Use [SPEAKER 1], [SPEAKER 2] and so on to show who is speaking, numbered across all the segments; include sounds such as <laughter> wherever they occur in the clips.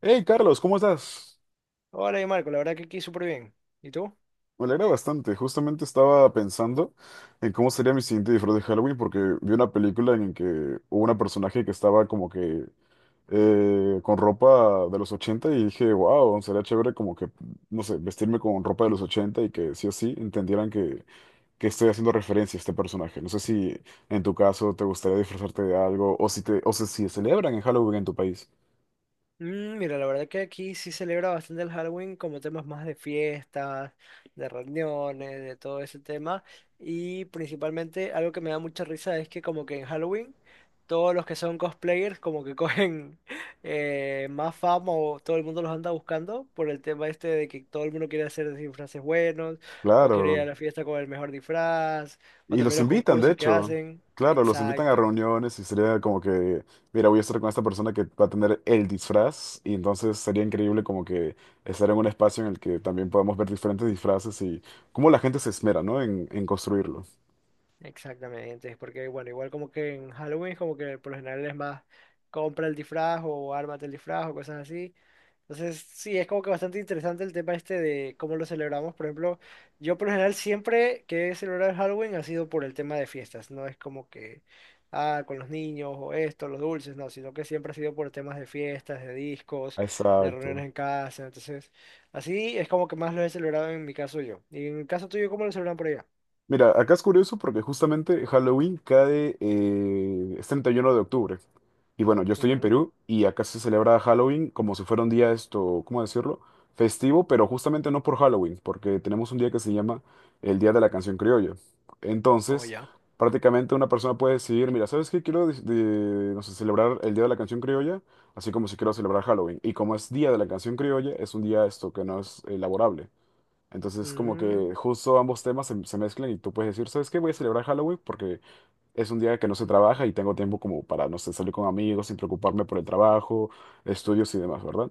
[SPEAKER 1] Hey Carlos, ¿cómo estás?
[SPEAKER 2] Hola, y Marco, la verdad que aquí súper bien. ¿Y tú?
[SPEAKER 1] Me alegra bastante. Justamente estaba pensando en cómo sería mi siguiente disfraz de Halloween porque vi una película en que hubo una personaje que estaba como que con ropa de los 80 y dije, wow, sería chévere como que, no sé, vestirme con ropa de los 80 y que sí o sí entendieran que estoy haciendo referencia a este personaje. No sé si en tu caso te gustaría disfrazarte de algo o si te, o si celebran en Halloween en tu país.
[SPEAKER 2] Mira, la verdad que aquí sí celebra bastante el Halloween como temas más de fiestas, de reuniones, de todo ese tema. Y principalmente algo que me da mucha risa es que como que en Halloween todos los que son cosplayers como que cogen <laughs> más fama o todo el mundo los anda buscando por el tema este de que todo el mundo quiere hacer disfraces buenos o quiere ir a
[SPEAKER 1] Claro.
[SPEAKER 2] la fiesta con el mejor disfraz o
[SPEAKER 1] Y
[SPEAKER 2] también
[SPEAKER 1] los
[SPEAKER 2] los
[SPEAKER 1] invitan, de
[SPEAKER 2] concursos que
[SPEAKER 1] hecho.
[SPEAKER 2] hacen.
[SPEAKER 1] Claro, los invitan a
[SPEAKER 2] Exacto.
[SPEAKER 1] reuniones y sería como que, mira, voy a estar con esta persona que va a tener el disfraz y entonces sería increíble como que estar en un espacio en el que también podamos ver diferentes disfraces y cómo la gente se esmera, ¿no? En construirlo.
[SPEAKER 2] Exactamente, porque bueno, igual como que en Halloween como que por lo general es más compra el disfraz o ármate el disfraz o cosas así. Entonces, sí, es como que bastante interesante el tema este de cómo lo celebramos. Por ejemplo, yo por lo general siempre que he celebrado el Halloween ha sido por el tema de fiestas, no es como que, ah, con los niños o esto, los dulces, no, sino que siempre ha sido por temas de fiestas, de discos, de
[SPEAKER 1] Exacto.
[SPEAKER 2] reuniones en casa. Entonces, así es como que más lo he celebrado en mi caso yo. Y en el caso tuyo, ¿cómo lo celebran por allá?
[SPEAKER 1] Mira, acá es curioso porque justamente Halloween cae, es 31 de octubre. Y bueno, yo estoy en
[SPEAKER 2] Ujú.
[SPEAKER 1] Perú y acá se celebra Halloween como si fuera un día esto, ¿cómo decirlo? Festivo, pero justamente no por Halloween, porque tenemos un día que se llama el Día de la Canción Criolla.
[SPEAKER 2] Oh,
[SPEAKER 1] Entonces,
[SPEAKER 2] ya.
[SPEAKER 1] prácticamente una persona puede decidir, mira, ¿sabes qué? Quiero no sé, celebrar el Día de la Canción Criolla, así como si quiero celebrar Halloween. Y como es Día de la Canción Criolla, es un día esto que no es laborable. Entonces, como
[SPEAKER 2] Mm,
[SPEAKER 1] que justo ambos temas se mezclan y tú puedes decir, ¿sabes qué? Voy a celebrar Halloween porque es un día que no se trabaja y tengo tiempo como para, no sé, salir con amigos sin preocuparme por el trabajo, estudios y demás, ¿verdad?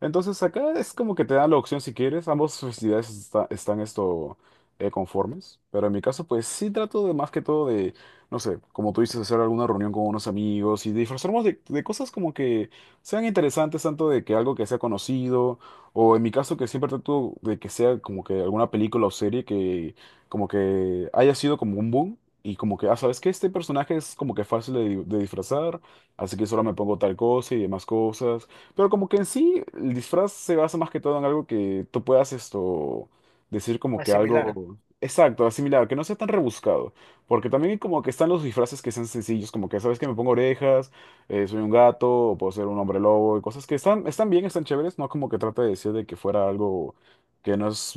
[SPEAKER 1] Entonces acá es como que te dan la opción si quieres, ambas festividades están esto conformes, pero en mi caso pues sí trato de más que todo de, no sé, como tú dices, hacer alguna reunión con unos amigos y disfrazarnos de cosas como que sean interesantes, tanto de que algo que sea conocido, o en mi caso que siempre trato de que sea como que alguna película o serie que como que haya sido como un boom y como que, ah, ¿sabes qué? Este personaje es como que fácil de, de disfrazar, así que solo me pongo tal cosa y demás cosas. Pero como que en sí el disfraz se basa más que todo en algo que tú puedas esto decir como que
[SPEAKER 2] asimilar.
[SPEAKER 1] algo exacto, asimilar, que no sea tan rebuscado. Porque también como que están los disfraces que sean sencillos, como que, ¿sabes qué? Me pongo orejas, soy un gato, o puedo ser un hombre lobo y cosas que están bien, están chéveres, no como que trata de decir de que fuera algo que no es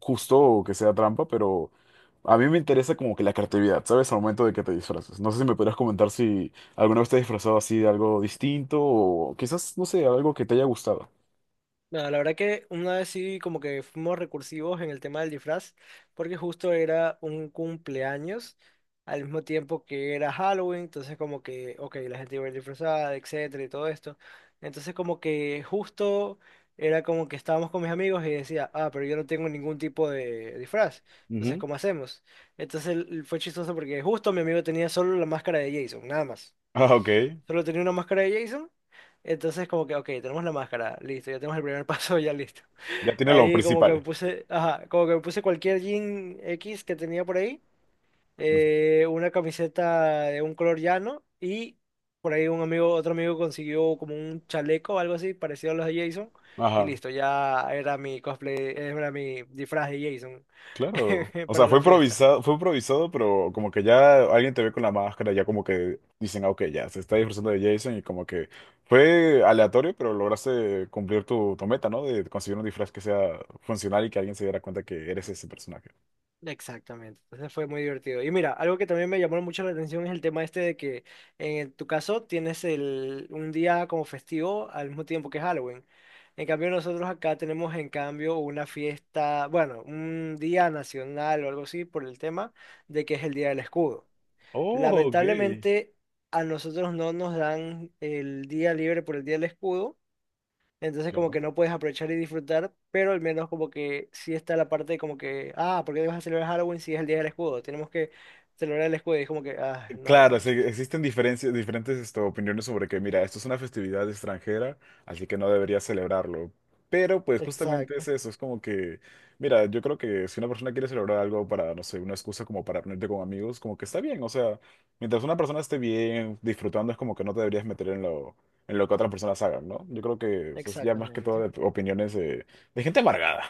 [SPEAKER 1] justo o que sea trampa, pero... A mí me interesa como que la creatividad, ¿sabes? Al momento de que te disfraces. No sé si me podrías comentar si alguna vez te has disfrazado así de algo distinto o quizás, no sé, algo que te haya gustado.
[SPEAKER 2] Nada, la verdad que una vez sí como que fuimos recursivos en el tema del disfraz, porque justo era un cumpleaños, al mismo tiempo que era Halloween, entonces como que, ok, la gente iba a ir disfrazada, etcétera, y todo esto. Entonces como que justo era como que estábamos con mis amigos y decía, ah, pero yo no tengo ningún tipo de disfraz, entonces
[SPEAKER 1] Ujú.
[SPEAKER 2] ¿cómo hacemos? Fue chistoso porque justo mi amigo tenía solo la máscara de Jason, nada más.
[SPEAKER 1] Ah, ok.
[SPEAKER 2] Solo tenía una máscara de Jason. Entonces como que, ok, tenemos la máscara, listo, ya tenemos el primer <laughs> paso, ya listo.
[SPEAKER 1] Ya tiene lo
[SPEAKER 2] Ahí como que me
[SPEAKER 1] principal.
[SPEAKER 2] puse, ajá, como que me puse cualquier jean X que tenía por ahí,
[SPEAKER 1] Ujú.
[SPEAKER 2] una camiseta de un color llano y por ahí un amigo, otro amigo consiguió como un chaleco o algo así parecido a los de Jason y
[SPEAKER 1] Ajá,
[SPEAKER 2] listo, ya era mi cosplay, era mi disfraz de Jason
[SPEAKER 1] claro.
[SPEAKER 2] <laughs>
[SPEAKER 1] O
[SPEAKER 2] para
[SPEAKER 1] sea,
[SPEAKER 2] la fiesta.
[SPEAKER 1] fue improvisado, pero como que ya alguien te ve con la máscara, ya como que dicen, ah, ok, ya se está disfrazando de Jason y como que fue aleatorio, pero lograste cumplir tu meta, ¿no? De conseguir un disfraz que sea funcional y que alguien se diera cuenta que eres ese personaje.
[SPEAKER 2] Exactamente, entonces fue muy divertido. Y mira, algo que también me llamó mucho la atención es el tema este de que en tu caso tienes el, un día como festivo al mismo tiempo que Halloween. En cambio nosotros acá tenemos en cambio una fiesta, bueno, un día nacional o algo así por el tema de que es el Día del Escudo.
[SPEAKER 1] Oh, ok.
[SPEAKER 2] Lamentablemente a nosotros no nos dan el día libre por el Día del Escudo. Entonces como
[SPEAKER 1] Claro.
[SPEAKER 2] que no puedes aprovechar y disfrutar, pero al menos como que sí está la parte de como que, ah, ¿por qué vas a celebrar Halloween si es el día del escudo? Tenemos que celebrar el escudo y es como que, ah, no
[SPEAKER 1] Claro, sí,
[SPEAKER 2] manches.
[SPEAKER 1] existen diferencias, diferentes esto, opiniones sobre que, mira, esto es una festividad extranjera, así que no deberías celebrarlo. Pero pues justamente
[SPEAKER 2] Exacto,
[SPEAKER 1] es eso, es como que, mira, yo creo que si una persona quiere celebrar algo para, no sé, una excusa como para reunirte con amigos, como que está bien, o sea, mientras una persona esté bien, disfrutando, es como que no te deberías meter en lo que otras personas hagan, ¿no? Yo creo que es ya más que todo
[SPEAKER 2] exactamente.
[SPEAKER 1] de opiniones de gente amargada.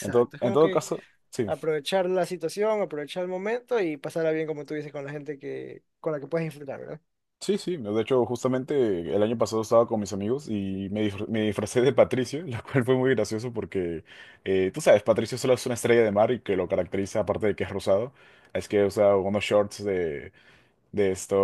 [SPEAKER 1] En todo,
[SPEAKER 2] Es
[SPEAKER 1] en
[SPEAKER 2] como
[SPEAKER 1] todo
[SPEAKER 2] que
[SPEAKER 1] caso, sí.
[SPEAKER 2] aprovechar la situación, aprovechar el momento y pasarla bien, como tú dices, con la gente que, con la que puedes disfrutar, ¿verdad?
[SPEAKER 1] Sí, sí, no, de hecho justamente el año pasado estaba con mis amigos y me disfracé de Patricio, <laughs> lo cual fue muy gracioso porque tú sabes, Patricio solo es una estrella de mar y que lo caracteriza, aparte de que es rosado, es que usa unos shorts de esto,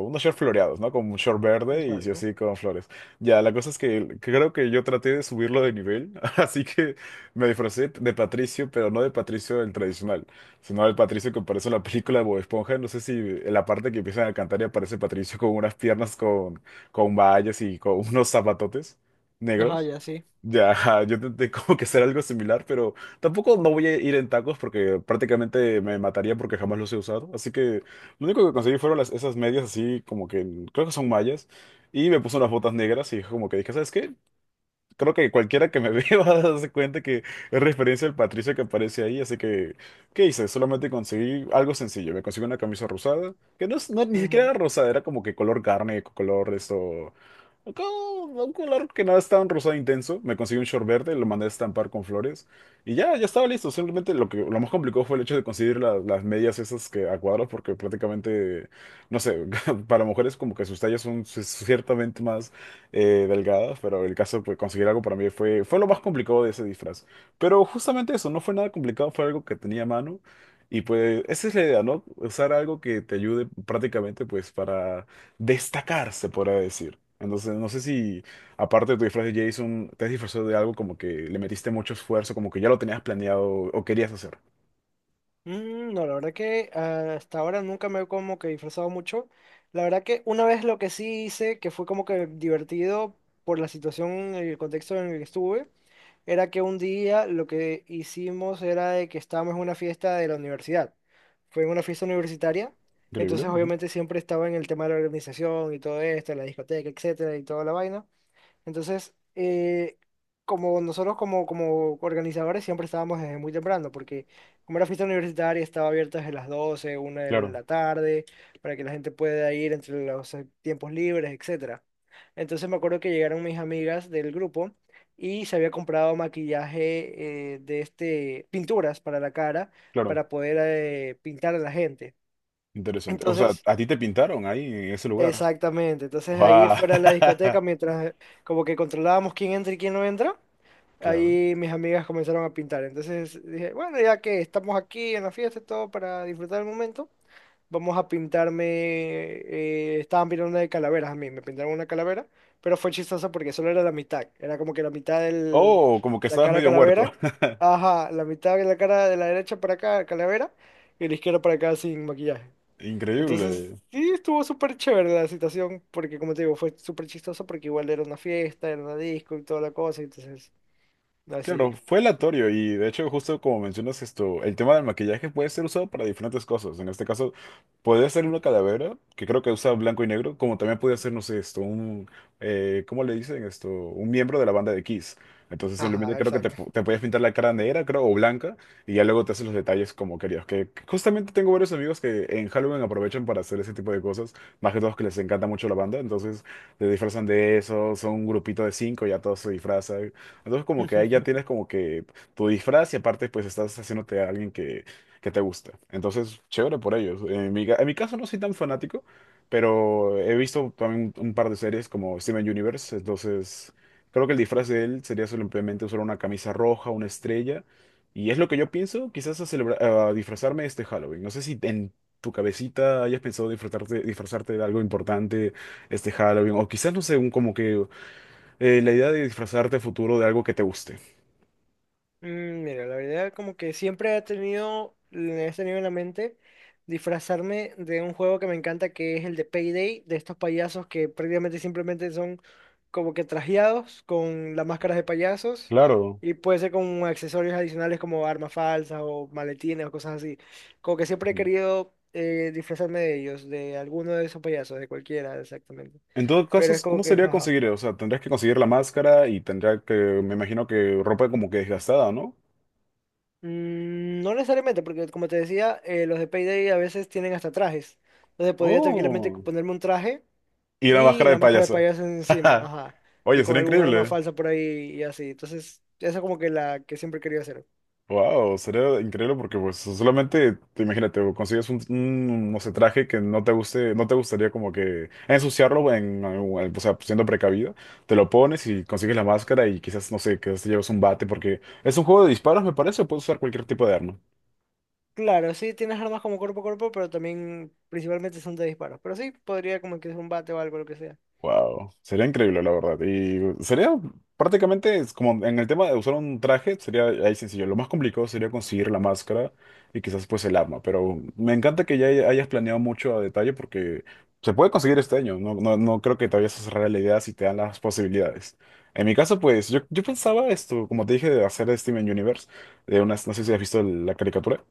[SPEAKER 1] unos shorts floreados, ¿no? Con un short verde y sí o
[SPEAKER 2] Exacto.
[SPEAKER 1] sí con flores. Ya, la cosa es que creo que yo traté de subirlo de nivel, <laughs> así que me disfracé de Patricio, pero no de Patricio el tradicional, sino del Patricio que aparece en la película de Bob Esponja. No sé si en la parte que empiezan a cantar y aparece Patricio con unas piernas con vallas y con <laughs> unos zapatotes
[SPEAKER 2] Ajá,
[SPEAKER 1] negros.
[SPEAKER 2] ya sí.
[SPEAKER 1] Ya, ajá, yo intenté <laughs> como que hacer algo similar, pero tampoco no voy a ir en tacos porque prácticamente me mataría porque jamás los he usado. Así que lo único que conseguí fueron esas medias así como que creo que son mallas y me puse unas botas negras y como que dije, ¿sabes qué? Creo que cualquiera que me <laughs> vea va a darse cuenta que es referencia al Patricio que aparece ahí. Así que, ¿qué hice? Solamente conseguí algo sencillo. Me conseguí una camisa rosada, que no, ni siquiera
[SPEAKER 2] Ujú.
[SPEAKER 1] era rosada, era como que color carne, color esto. Un color que no es tan rosado intenso. Me conseguí un short verde, lo mandé a estampar con flores. Y ya estaba listo. Simplemente lo que lo más complicado fue el hecho de conseguir las medias esas que a cuadros, porque prácticamente, no sé, <laughs> para mujeres como que sus tallas son ciertamente más delgadas, pero el caso, pues conseguir algo para mí fue lo más complicado de ese disfraz. Pero justamente eso, no fue nada complicado, fue algo que tenía a mano. Y pues esa es la idea, ¿no? Usar algo que te ayude prácticamente pues para destacar, se podría decir. Entonces, no sé si aparte de tu disfraz de Jason, te has disfrazado de algo como que le metiste mucho esfuerzo, como que ya lo tenías planeado o querías hacer.
[SPEAKER 2] Mm, no, la verdad que ah, hasta ahora nunca me he como que disfrazado mucho. La verdad que una vez lo que sí hice, que fue como que divertido por la situación, el contexto en el que estuve, era que un día lo que hicimos era de que estábamos en una fiesta de la universidad. Fue en una fiesta universitaria,
[SPEAKER 1] Increíble.
[SPEAKER 2] entonces
[SPEAKER 1] Ujú.
[SPEAKER 2] obviamente siempre estaba en el tema de la organización y todo esto, la discoteca, etcétera, y toda la vaina. Entonces, como nosotros como organizadores siempre estábamos desde muy temprano, porque como era fiesta universitaria estaba abierta desde las doce una de
[SPEAKER 1] Claro,
[SPEAKER 2] la tarde, para que la gente pueda ir entre los tiempos libres, etcétera. Entonces me acuerdo que llegaron mis amigas del grupo y se había comprado maquillaje de este, pinturas para la cara,
[SPEAKER 1] claro.
[SPEAKER 2] para poder pintar a la gente.
[SPEAKER 1] Interesante. O sea,
[SPEAKER 2] Entonces,
[SPEAKER 1] a ti te pintaron ahí en ese lugar.
[SPEAKER 2] exactamente, entonces ahí
[SPEAKER 1] Wow.
[SPEAKER 2] fuera de la
[SPEAKER 1] <laughs>
[SPEAKER 2] discoteca, mientras como que controlábamos quién entra y quién no entra,
[SPEAKER 1] Claro.
[SPEAKER 2] ahí mis amigas comenzaron a pintar. Entonces dije, bueno, ya que estamos aquí en la fiesta y todo para disfrutar el momento, vamos a pintarme. Estaban pintando una de calaveras a mí, me pintaron una calavera, pero fue chistoso porque solo era la mitad. Era como que la mitad de
[SPEAKER 1] Oh, como que
[SPEAKER 2] la
[SPEAKER 1] estabas
[SPEAKER 2] cara de
[SPEAKER 1] medio muerto.
[SPEAKER 2] calavera.
[SPEAKER 1] <laughs>
[SPEAKER 2] Ajá, la mitad de la cara de la derecha para acá, calavera, y la izquierda para acá sin maquillaje. Entonces,
[SPEAKER 1] Increíble.
[SPEAKER 2] sí, estuvo súper chévere la situación, porque como te digo, fue súper chistoso porque igual era una fiesta, era una disco y toda la cosa, entonces, así.
[SPEAKER 1] Claro, fue aleatorio y de hecho justo como mencionas esto, el tema del maquillaje puede ser usado para diferentes cosas. En este caso, puede ser una calavera, que creo que usa blanco y negro, como también puede ser, no sé, esto, un, ¿cómo le dicen esto? Un miembro de la banda de Kiss. Entonces simplemente
[SPEAKER 2] Ajá,
[SPEAKER 1] creo que te,
[SPEAKER 2] exacto.
[SPEAKER 1] pu- te puedes pintar la cara negra, creo, o blanca, y ya luego te haces los detalles como querías. Que justamente tengo varios amigos que en Halloween aprovechan para hacer ese tipo de cosas, más que todos que les encanta mucho la banda, entonces se disfrazan de eso, son un grupito de cinco, ya todos se disfrazan. Entonces como que ahí ya
[SPEAKER 2] <laughs>
[SPEAKER 1] tienes como que tu disfraz y aparte pues estás haciéndote a alguien que te gusta. Entonces, chévere por ellos. En mi caso no soy tan fanático, pero he visto también un par de series como Steven Universe, entonces creo que el disfraz de él sería simplemente usar una camisa roja, una estrella, y es lo que yo pienso quizás a disfrazarme este Halloween. No sé si en tu cabecita hayas pensado disfrazarte, disfrazarte de algo importante este Halloween, o quizás, no sé, un como que la idea de disfrazarte a futuro de algo que te guste.
[SPEAKER 2] Mm, mira, la verdad como que siempre he tenido en la mente disfrazarme de un juego que me encanta que es el de Payday, de estos payasos que prácticamente simplemente son como que trajeados con las máscaras de payasos
[SPEAKER 1] Claro.
[SPEAKER 2] y puede ser con accesorios adicionales como armas falsas o maletines o cosas así. Como que siempre he
[SPEAKER 1] Ujú.
[SPEAKER 2] querido disfrazarme de ellos, de alguno de esos payasos, de cualquiera exactamente.
[SPEAKER 1] En todo caso,
[SPEAKER 2] Pero es como
[SPEAKER 1] ¿cómo
[SPEAKER 2] que,
[SPEAKER 1] sería
[SPEAKER 2] jaja.
[SPEAKER 1] conseguir? O sea, tendrías que conseguir la máscara y tendría que, me imagino que ropa como que desgastada, ¿no?
[SPEAKER 2] Mm, no necesariamente, porque como te decía, los de Payday a veces tienen hasta trajes. Entonces podría tranquilamente
[SPEAKER 1] Oh,
[SPEAKER 2] ponerme un traje
[SPEAKER 1] y la
[SPEAKER 2] y
[SPEAKER 1] máscara
[SPEAKER 2] la
[SPEAKER 1] de
[SPEAKER 2] máscara de
[SPEAKER 1] payaso.
[SPEAKER 2] payaso encima,
[SPEAKER 1] <laughs>
[SPEAKER 2] ajá. Y
[SPEAKER 1] Oye,
[SPEAKER 2] con
[SPEAKER 1] sería
[SPEAKER 2] algún arma
[SPEAKER 1] increíble.
[SPEAKER 2] falsa por ahí y así. Entonces, esa es como que la que siempre quería hacer.
[SPEAKER 1] Wow, sería increíble porque pues solamente, te imagínate, o consigues un, no sé, traje que no te guste, no te gustaría como que ensuciarlo o sea, siendo precavido, te lo pones y consigues la máscara y quizás, no sé, quizás te llevas un bate porque es un juego de disparos, me parece, o puedes usar cualquier tipo de arma.
[SPEAKER 2] Claro, sí tienes armas como cuerpo a cuerpo, pero también principalmente son de disparos. Pero sí, podría como que es un bate o algo, lo que sea.
[SPEAKER 1] Wow, sería increíble la verdad. Y sería prácticamente es como en el tema de usar un traje, sería ahí sencillo. Lo más complicado sería conseguir la máscara y quizás pues el arma. Pero me encanta que ya hayas planeado mucho a detalle porque se puede conseguir este año. No, no, no creo que te vayas a cerrar la idea si te dan las posibilidades. En mi caso, pues yo pensaba esto, como te dije, de hacer de Steven Universe, de unas, no sé si has visto la caricatura.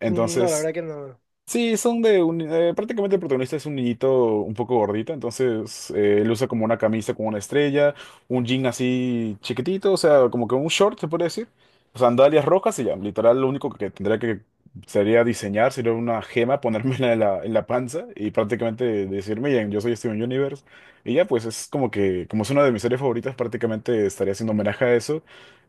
[SPEAKER 1] Sí.
[SPEAKER 2] Mm, no, la
[SPEAKER 1] Entonces,
[SPEAKER 2] verdad que no.
[SPEAKER 1] sí, son de un, prácticamente el protagonista es un niñito un poco gordito, entonces él usa como una camisa con una estrella, un jean así chiquitito, o sea, como que un short se puede decir, sandalias rojas y ya, literal lo único que tendría que sería diseñar, sería una gema, ponérmela en la panza y prácticamente decirme, miren, yo soy este Steven Universe y ya pues es como que, como es una de mis series favoritas, prácticamente estaría haciendo homenaje a eso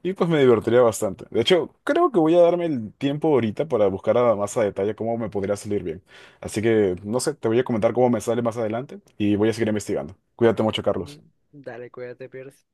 [SPEAKER 1] y pues me divertiría bastante. De hecho, creo que voy a darme el tiempo ahorita para buscar a más a detalle cómo me podría salir bien. Así que, no sé, te voy a comentar cómo me sale más adelante y voy a seguir investigando. Cuídate mucho,
[SPEAKER 2] Mm,
[SPEAKER 1] Carlos.
[SPEAKER 2] dale, cuídate, Pierce.